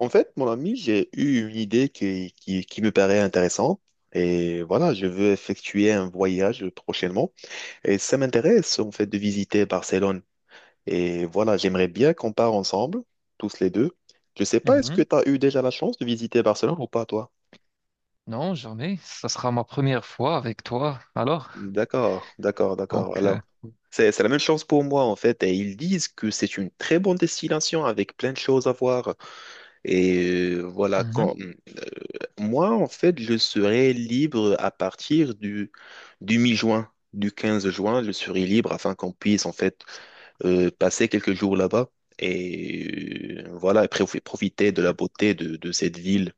En fait, mon ami, j'ai eu une idée qui me paraît intéressante. Et voilà, je veux effectuer un voyage prochainement. Et ça m'intéresse, en fait, de visiter Barcelone. Et voilà, j'aimerais bien qu'on part ensemble, tous les deux. Je sais pas, est-ce que Mhm. tu as eu déjà la chance de visiter Barcelone ou pas, toi? Non, jamais. Ça sera ma première fois avec toi. Alors, D'accord, d'accord, d'accord. donc, Alors, c'est la même chose pour moi, en fait. Et ils disent que c'est une très bonne destination avec plein de choses à voir. Et voilà, mhm. quand moi, en fait, je serai libre à partir du mi-juin, du 15 juin, je serai libre afin qu'on puisse, en fait, passer quelques jours là-bas et voilà, après, vous profiter de la beauté de cette ville.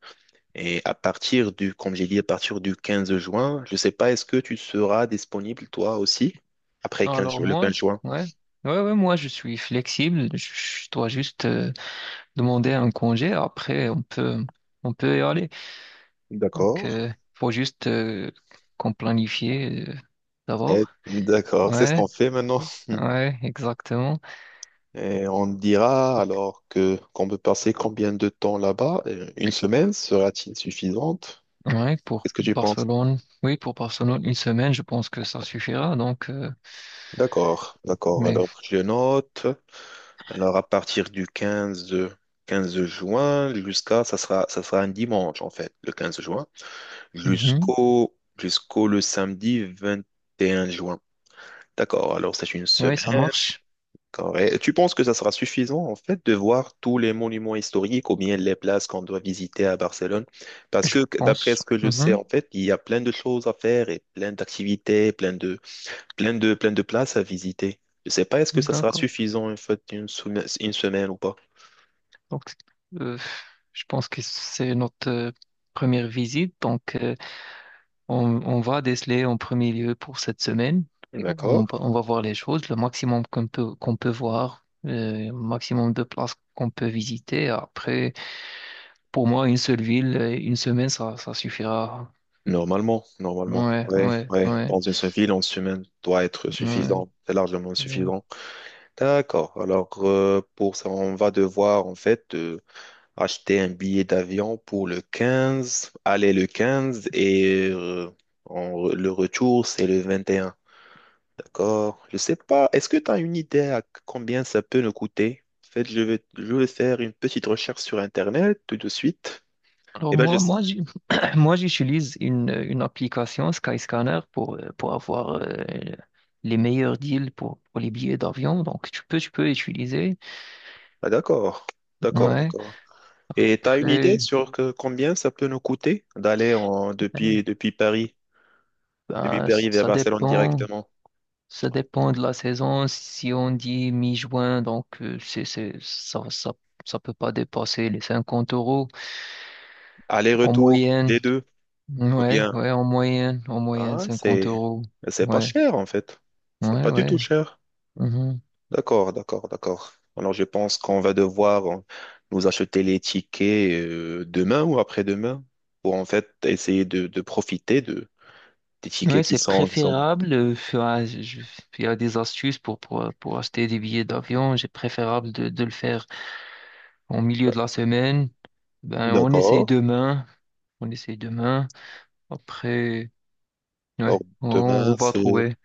Et à partir du, comme j'ai dit, à partir du 15 juin, je sais pas, est-ce que tu seras disponible toi aussi après quinze Alors ju- le moi, 15 juin? ouais, ouais, ouais, moi je suis flexible. Je dois juste demander un congé. Après, on peut y aller. Donc, D'accord. Faut juste qu'on planifie Eh, d'abord. d'accord, c'est ce Ouais, qu'on fait maintenant. ouais, exactement. Et on dira alors que qu'on peut passer combien de temps là-bas? Une semaine sera-t-il suffisante? Ouais, pour Qu'est-ce que tu penses? Barcelone. Oui, pour Barcelone, une semaine, je pense que ça suffira. Donc, D'accord, d'accord. Alors mais, je note. Alors à partir du 15, 15 juin jusqu'à ça sera un dimanche en fait, le 15 juin, mhm. jusqu'au le samedi 21 juin. D'accord, alors c'est une Ouais, ça semaine. marche. Correct. Tu penses que ça sera suffisant, en fait, de voir tous les monuments historiques ou bien les places qu'on doit visiter à Barcelone? Parce Je que, d'après pense. ce que je sais, Mhm. en fait, il y a plein de choses à faire et plein d'activités, plein de places à visiter. Je sais pas, est-ce que ça sera D'accord. suffisant, en fait, une semaine ou pas? Donc, euh, je pense que c'est notre première visite. Donc, on va déceler en premier lieu pour cette semaine. D'accord. On va voir les choses, le maximum qu'on peut voir, le maximum de places qu'on peut visiter. Après, pour moi, une seule ville, une semaine, ça suffira. Normalement, normalement. Ouais, Ouais, ouais, ouais. ouais, Dans une seule ville, en semaine, doit être ouais. suffisant. C'est largement Ouais. suffisant. D'accord. Alors, pour ça, on va devoir, en fait, acheter un billet d'avion pour le 15, aller le 15 et le retour, c'est le 21, d'accord? Je sais pas, est-ce que tu as une idée à combien ça peut nous coûter? En fait, je vais faire une petite recherche sur Internet tout de suite. Alors Et ben, je... moi, moi j'utilise une application Skyscanner pour avoir les meilleurs deals pour les billets d'avion. Donc tu peux utiliser. Ah, d'accord, d'accord, Ouais. d'accord. Et tu as une idée Après, sur combien ça peut nous coûter d'aller en, ouais, depuis, depuis ben, Paris vers ça Barcelone dépend. directement? Ça dépend de la saison. Si on dit mi-juin, donc ça peut pas dépasser les 50 € en Aller-retour, les moyenne. deux, ou Ouais, bien... ouais, en moyenne Ah, 50 c'est euros. c'est pas Ouais, cher en fait. C'est ouais, pas du tout ouais. cher. Mhm. D'accord, d'accord, d'accord. Alors je pense qu'on va devoir nous acheter les tickets demain ou après-demain pour en fait essayer de profiter de des Ouais, tickets qui c'est sont qui sont préférable. Enfin, il y a des astuces pour acheter des billets d'avion. C'est préférable de le faire en milieu de la semaine. Ben, on essaye D'accord. demain. On essaye demain. Après, ouais, Alors on demain va c'est trouver.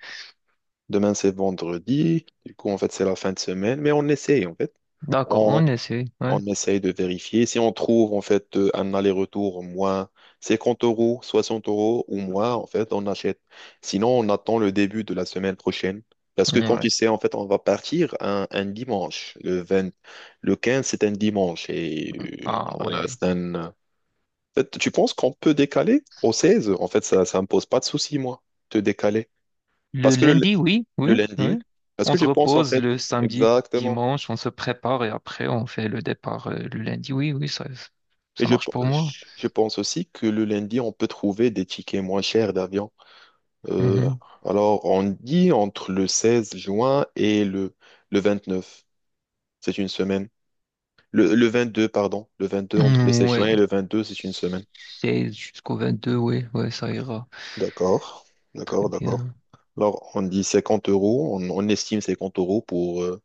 demain c'est vendredi. Du coup en fait c'est la fin de semaine, mais on essaye en fait. D'accord, on essaye. Ouais, On essaye de vérifier. Si on trouve en fait un aller-retour moins 50 euros, 60 euros ou moins, en fait, on achète. Sinon, on attend le début de la semaine prochaine. Parce que comme tu ouais. sais, en fait, on va partir un dimanche. Le 15, c'est un dimanche. Et Ah voilà, ouais. En fait, tu penses qu'on peut décaler au 16? En fait, ça me pose pas de souci, moi, de décaler. Parce Le que le, lundi, oui, le oui, oui. lundi, parce On que se je pense, en repose fait, le samedi, exactement. dimanche, on se prépare et après on fait le départ le lundi. Oui, oui, ça, Et ça je, marche pour moi. je pense aussi que le lundi, on peut trouver des tickets moins chers d'avion. Euh, Mhm. alors, on dit entre le 16 juin et le 29. C'est une semaine. Le 22, pardon. Le 22 entre le Hmm, 16 juin ouais, et le 22, c'est une semaine. 16 jusqu'au 22, ouais, ouais, ça ira D'accord, très d'accord, d'accord. bien. Alors, on dit 50 euros, on estime 50 euros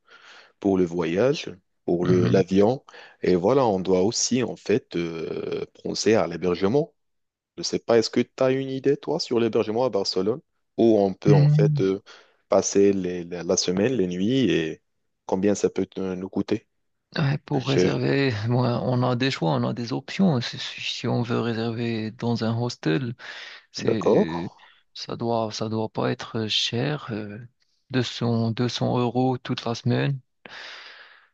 pour le, voyage, pour Mhm. l'avion. Et voilà, on doit aussi, en fait, penser à l'hébergement. Je sais pas, est-ce que tu as une idée, toi, sur l'hébergement à Barcelone, où on peut en Hmm, fait passer la semaine, les nuits, et combien ça peut nous coûter? ouais, pour Je... réserver, bon, on a des choix, on a des options. Si on veut réserver dans un hostel, D'accord. c'est, ça doit pas être cher. 200 € toute la semaine.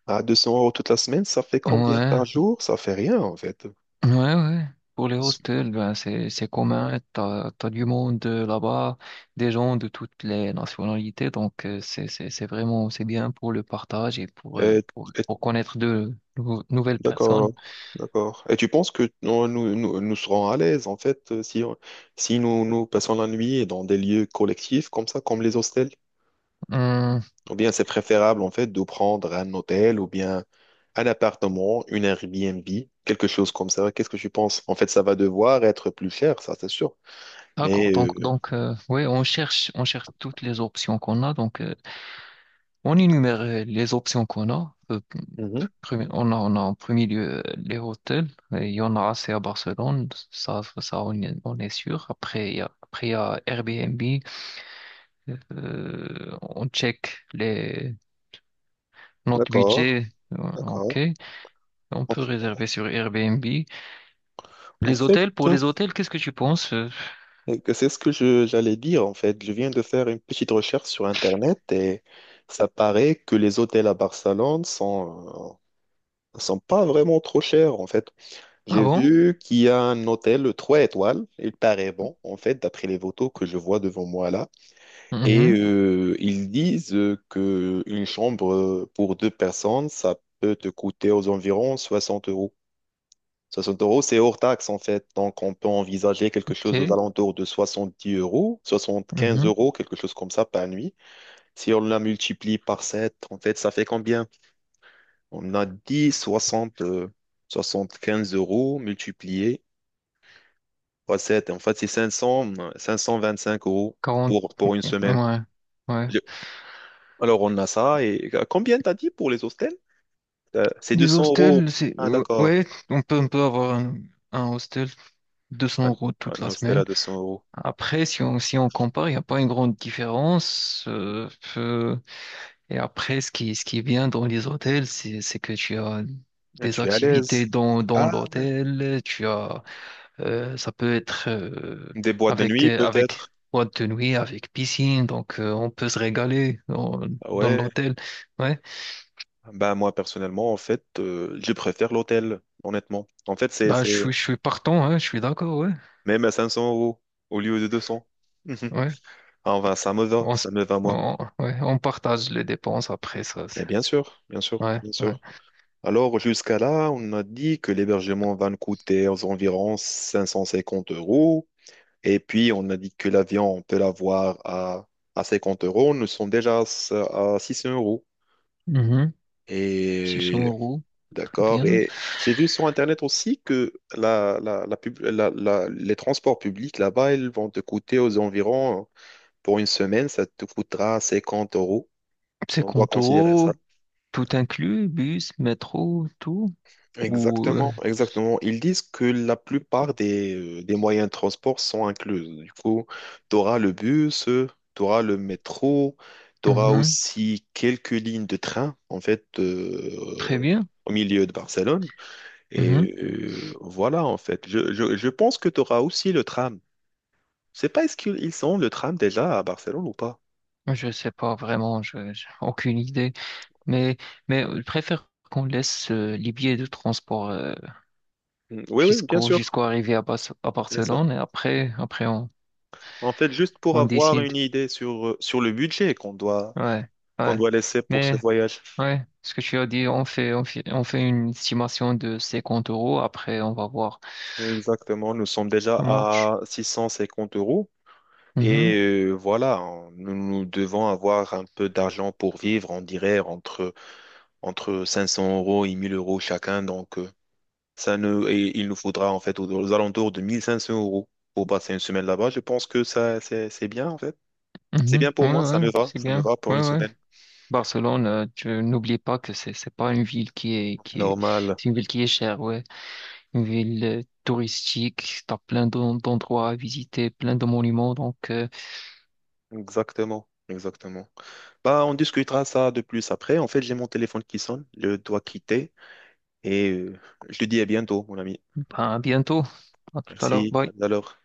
À 200 euros toute la semaine, ça fait combien par Ouais, jour? Ça fait rien, en fait. Ouais, ouais. Pour les hostels, ben c'est commun. T'as du monde là-bas, des gens de toutes les nationalités. Donc c'est vraiment c'est bien pour le partage et pour euh, Et- pour, et- pour connaître de nouvelles personnes. D'accord, d'accord. Et tu penses que nous serons à l'aise, en fait, si nous passons la nuit dans des lieux collectifs comme ça, comme les hostels? Hum, Ou bien c'est préférable en fait de prendre un hôtel ou bien un appartement, une Airbnb, quelque chose comme ça. Qu'est-ce que tu penses? En fait, ça va devoir être plus cher, ça c'est sûr. d'accord. Mais euh, Donc ouais, on cherche toutes les options qu'on a. Donc on énumère les options qu'on a. Mhm, On a en premier lieu les hôtels. Et il y en a assez à Barcelone, ça on est sûr. Après, il y a Airbnb. On check notre d'accord, budget. Ok, d'accord. on En, peut f- réserver sur Airbnb. en Les fait, hôtels, pour les hôtels, qu'est-ce que tu penses? Que c'est ce que j'allais dire en fait. Je viens de faire une petite recherche sur Internet et ça paraît que les hôtels à Barcelone sont pas vraiment trop chers en fait. Ah J'ai bon? vu qu'il y a un hôtel 3 étoiles, il paraît bon, en fait, d'après les photos que je vois devant moi là. Et Mhm. Ils disent que une chambre pour deux personnes, ça peut te coûter aux environs 60 euros. 60 euros, c'est hors taxe en fait, donc on peut envisager quelque chose aux Ok. alentours de 70 euros, 75 Mhm. euros, quelque chose comme ça par nuit. Si on la multiplie par 7, en fait, ça fait combien? On a dit 60, quinze euros multiplié. Ouais, en fait, c'est 525 euros 40. pour une semaine. Ouais. Ouais. Je- Alors, on a ça. Et combien t'as dit pour les hostels? C'est deux Les cents euros. hostels, c'est. Ah, d'accord. Ouais, on peut avoir un hostel 200 Un, euros toute un la hostel semaine. à 200 euros. Après, si on compare, il n'y a pas une grande différence. Euh, et après, ce qui est bien dans les hôtels, c'est que tu as Ah, des tu es à l'aise. activités dans Ah, l'hôtel. Ça peut être euh, des boîtes de avec, nuit, euh, avec peut-être. boîte de nuit, avec piscine. Donc, on peut se régaler dans, Ah dans ouais. l'hôtel. Ouais. Ben, moi, personnellement, en fait, je préfère l'hôtel, honnêtement. En fait, c'est, Bah, je c'est suis, je suis partant, hein, je suis d'accord. Ouais. même à 500 euros au lieu de 200. Mhm. Ouais. Ah, enfin, ça me va. On, se- Ça me va, moi. Ouais, on partage les dépenses après ça. Et bien sûr, bien sûr, Ouais. bien Ouais. sûr. Alors, jusqu'à là, on a dit que l'hébergement va nous coûter aux environs 550 euros. Et puis, on a dit que l'avion, on peut l'avoir à, 50 euros. Nous sommes déjà à, 600 euros. Mhm. 600 Et euros. d'accord. Bien. Et j'ai vu sur Internet aussi que la pub- la- la- les transports publics là-bas, ils vont te coûter aux environs, pour une semaine, ça te coûtera 50 euros. C'est On doit considérer ça. compto, tout inclus, bus, métro, tout. Ou, Exactement, exactement. Ils disent que la plupart des moyens de transport sont inclus. Du coup, tu auras le bus, tu auras le métro, tu auras mhm, aussi quelques lignes de train, en fait, très bien. au milieu de Barcelone. Mhm. Et voilà, en fait. Je pense que tu auras aussi le tram. Je sais pas, est-ce qu'ils ont le tram déjà à Barcelone ou pas? Je sais pas vraiment, je j'ai aucune idée. Mais mais je préfère qu'on laisse les billets de transport Mm, oui, oui, bien jusqu'au sûr, jusqu'au arrivée à bien sûr. Barcelone et après on En fait, juste pour on avoir décide. une idée sur le budget qu'on doit, Ouais, qu'on ouais. doit laisser pour ce Mais voyage. ouais, ce que tu as dit, on fait une estimation de 50 euros. Après on va voir. Exactement, nous sommes déjà Ça marche. à 650 euros et Mhm. Voilà, nous devons avoir un peu d'argent pour vivre, on dirait entre 500 euros et 1000 euros chacun. Donc, ça ne, et il nous faudra en fait aux alentours de 1500 euros pour passer une semaine là-bas. Je pense que ça, c'est bien en fait. C'est Mhm. bien pour Ouais, moi, ouais, c'est ça me bien. va pour Ouais, une ouais. semaine Barcelone, tu n'oublie pas que c'est pas une ville qui est, Normal. c'est une ville qui est chère, ouais. Une ville touristique, t'as plein d'endroits à visiter, plein de monuments, donc Exactement, exactement. Bah, on discutera ça de plus après. En fait, j'ai mon téléphone qui sonne, je dois quitter. Et je te dis à bientôt, mon ami. ben, à bientôt. À tout à l'heure. Merci. À Bye. tout à l'heure.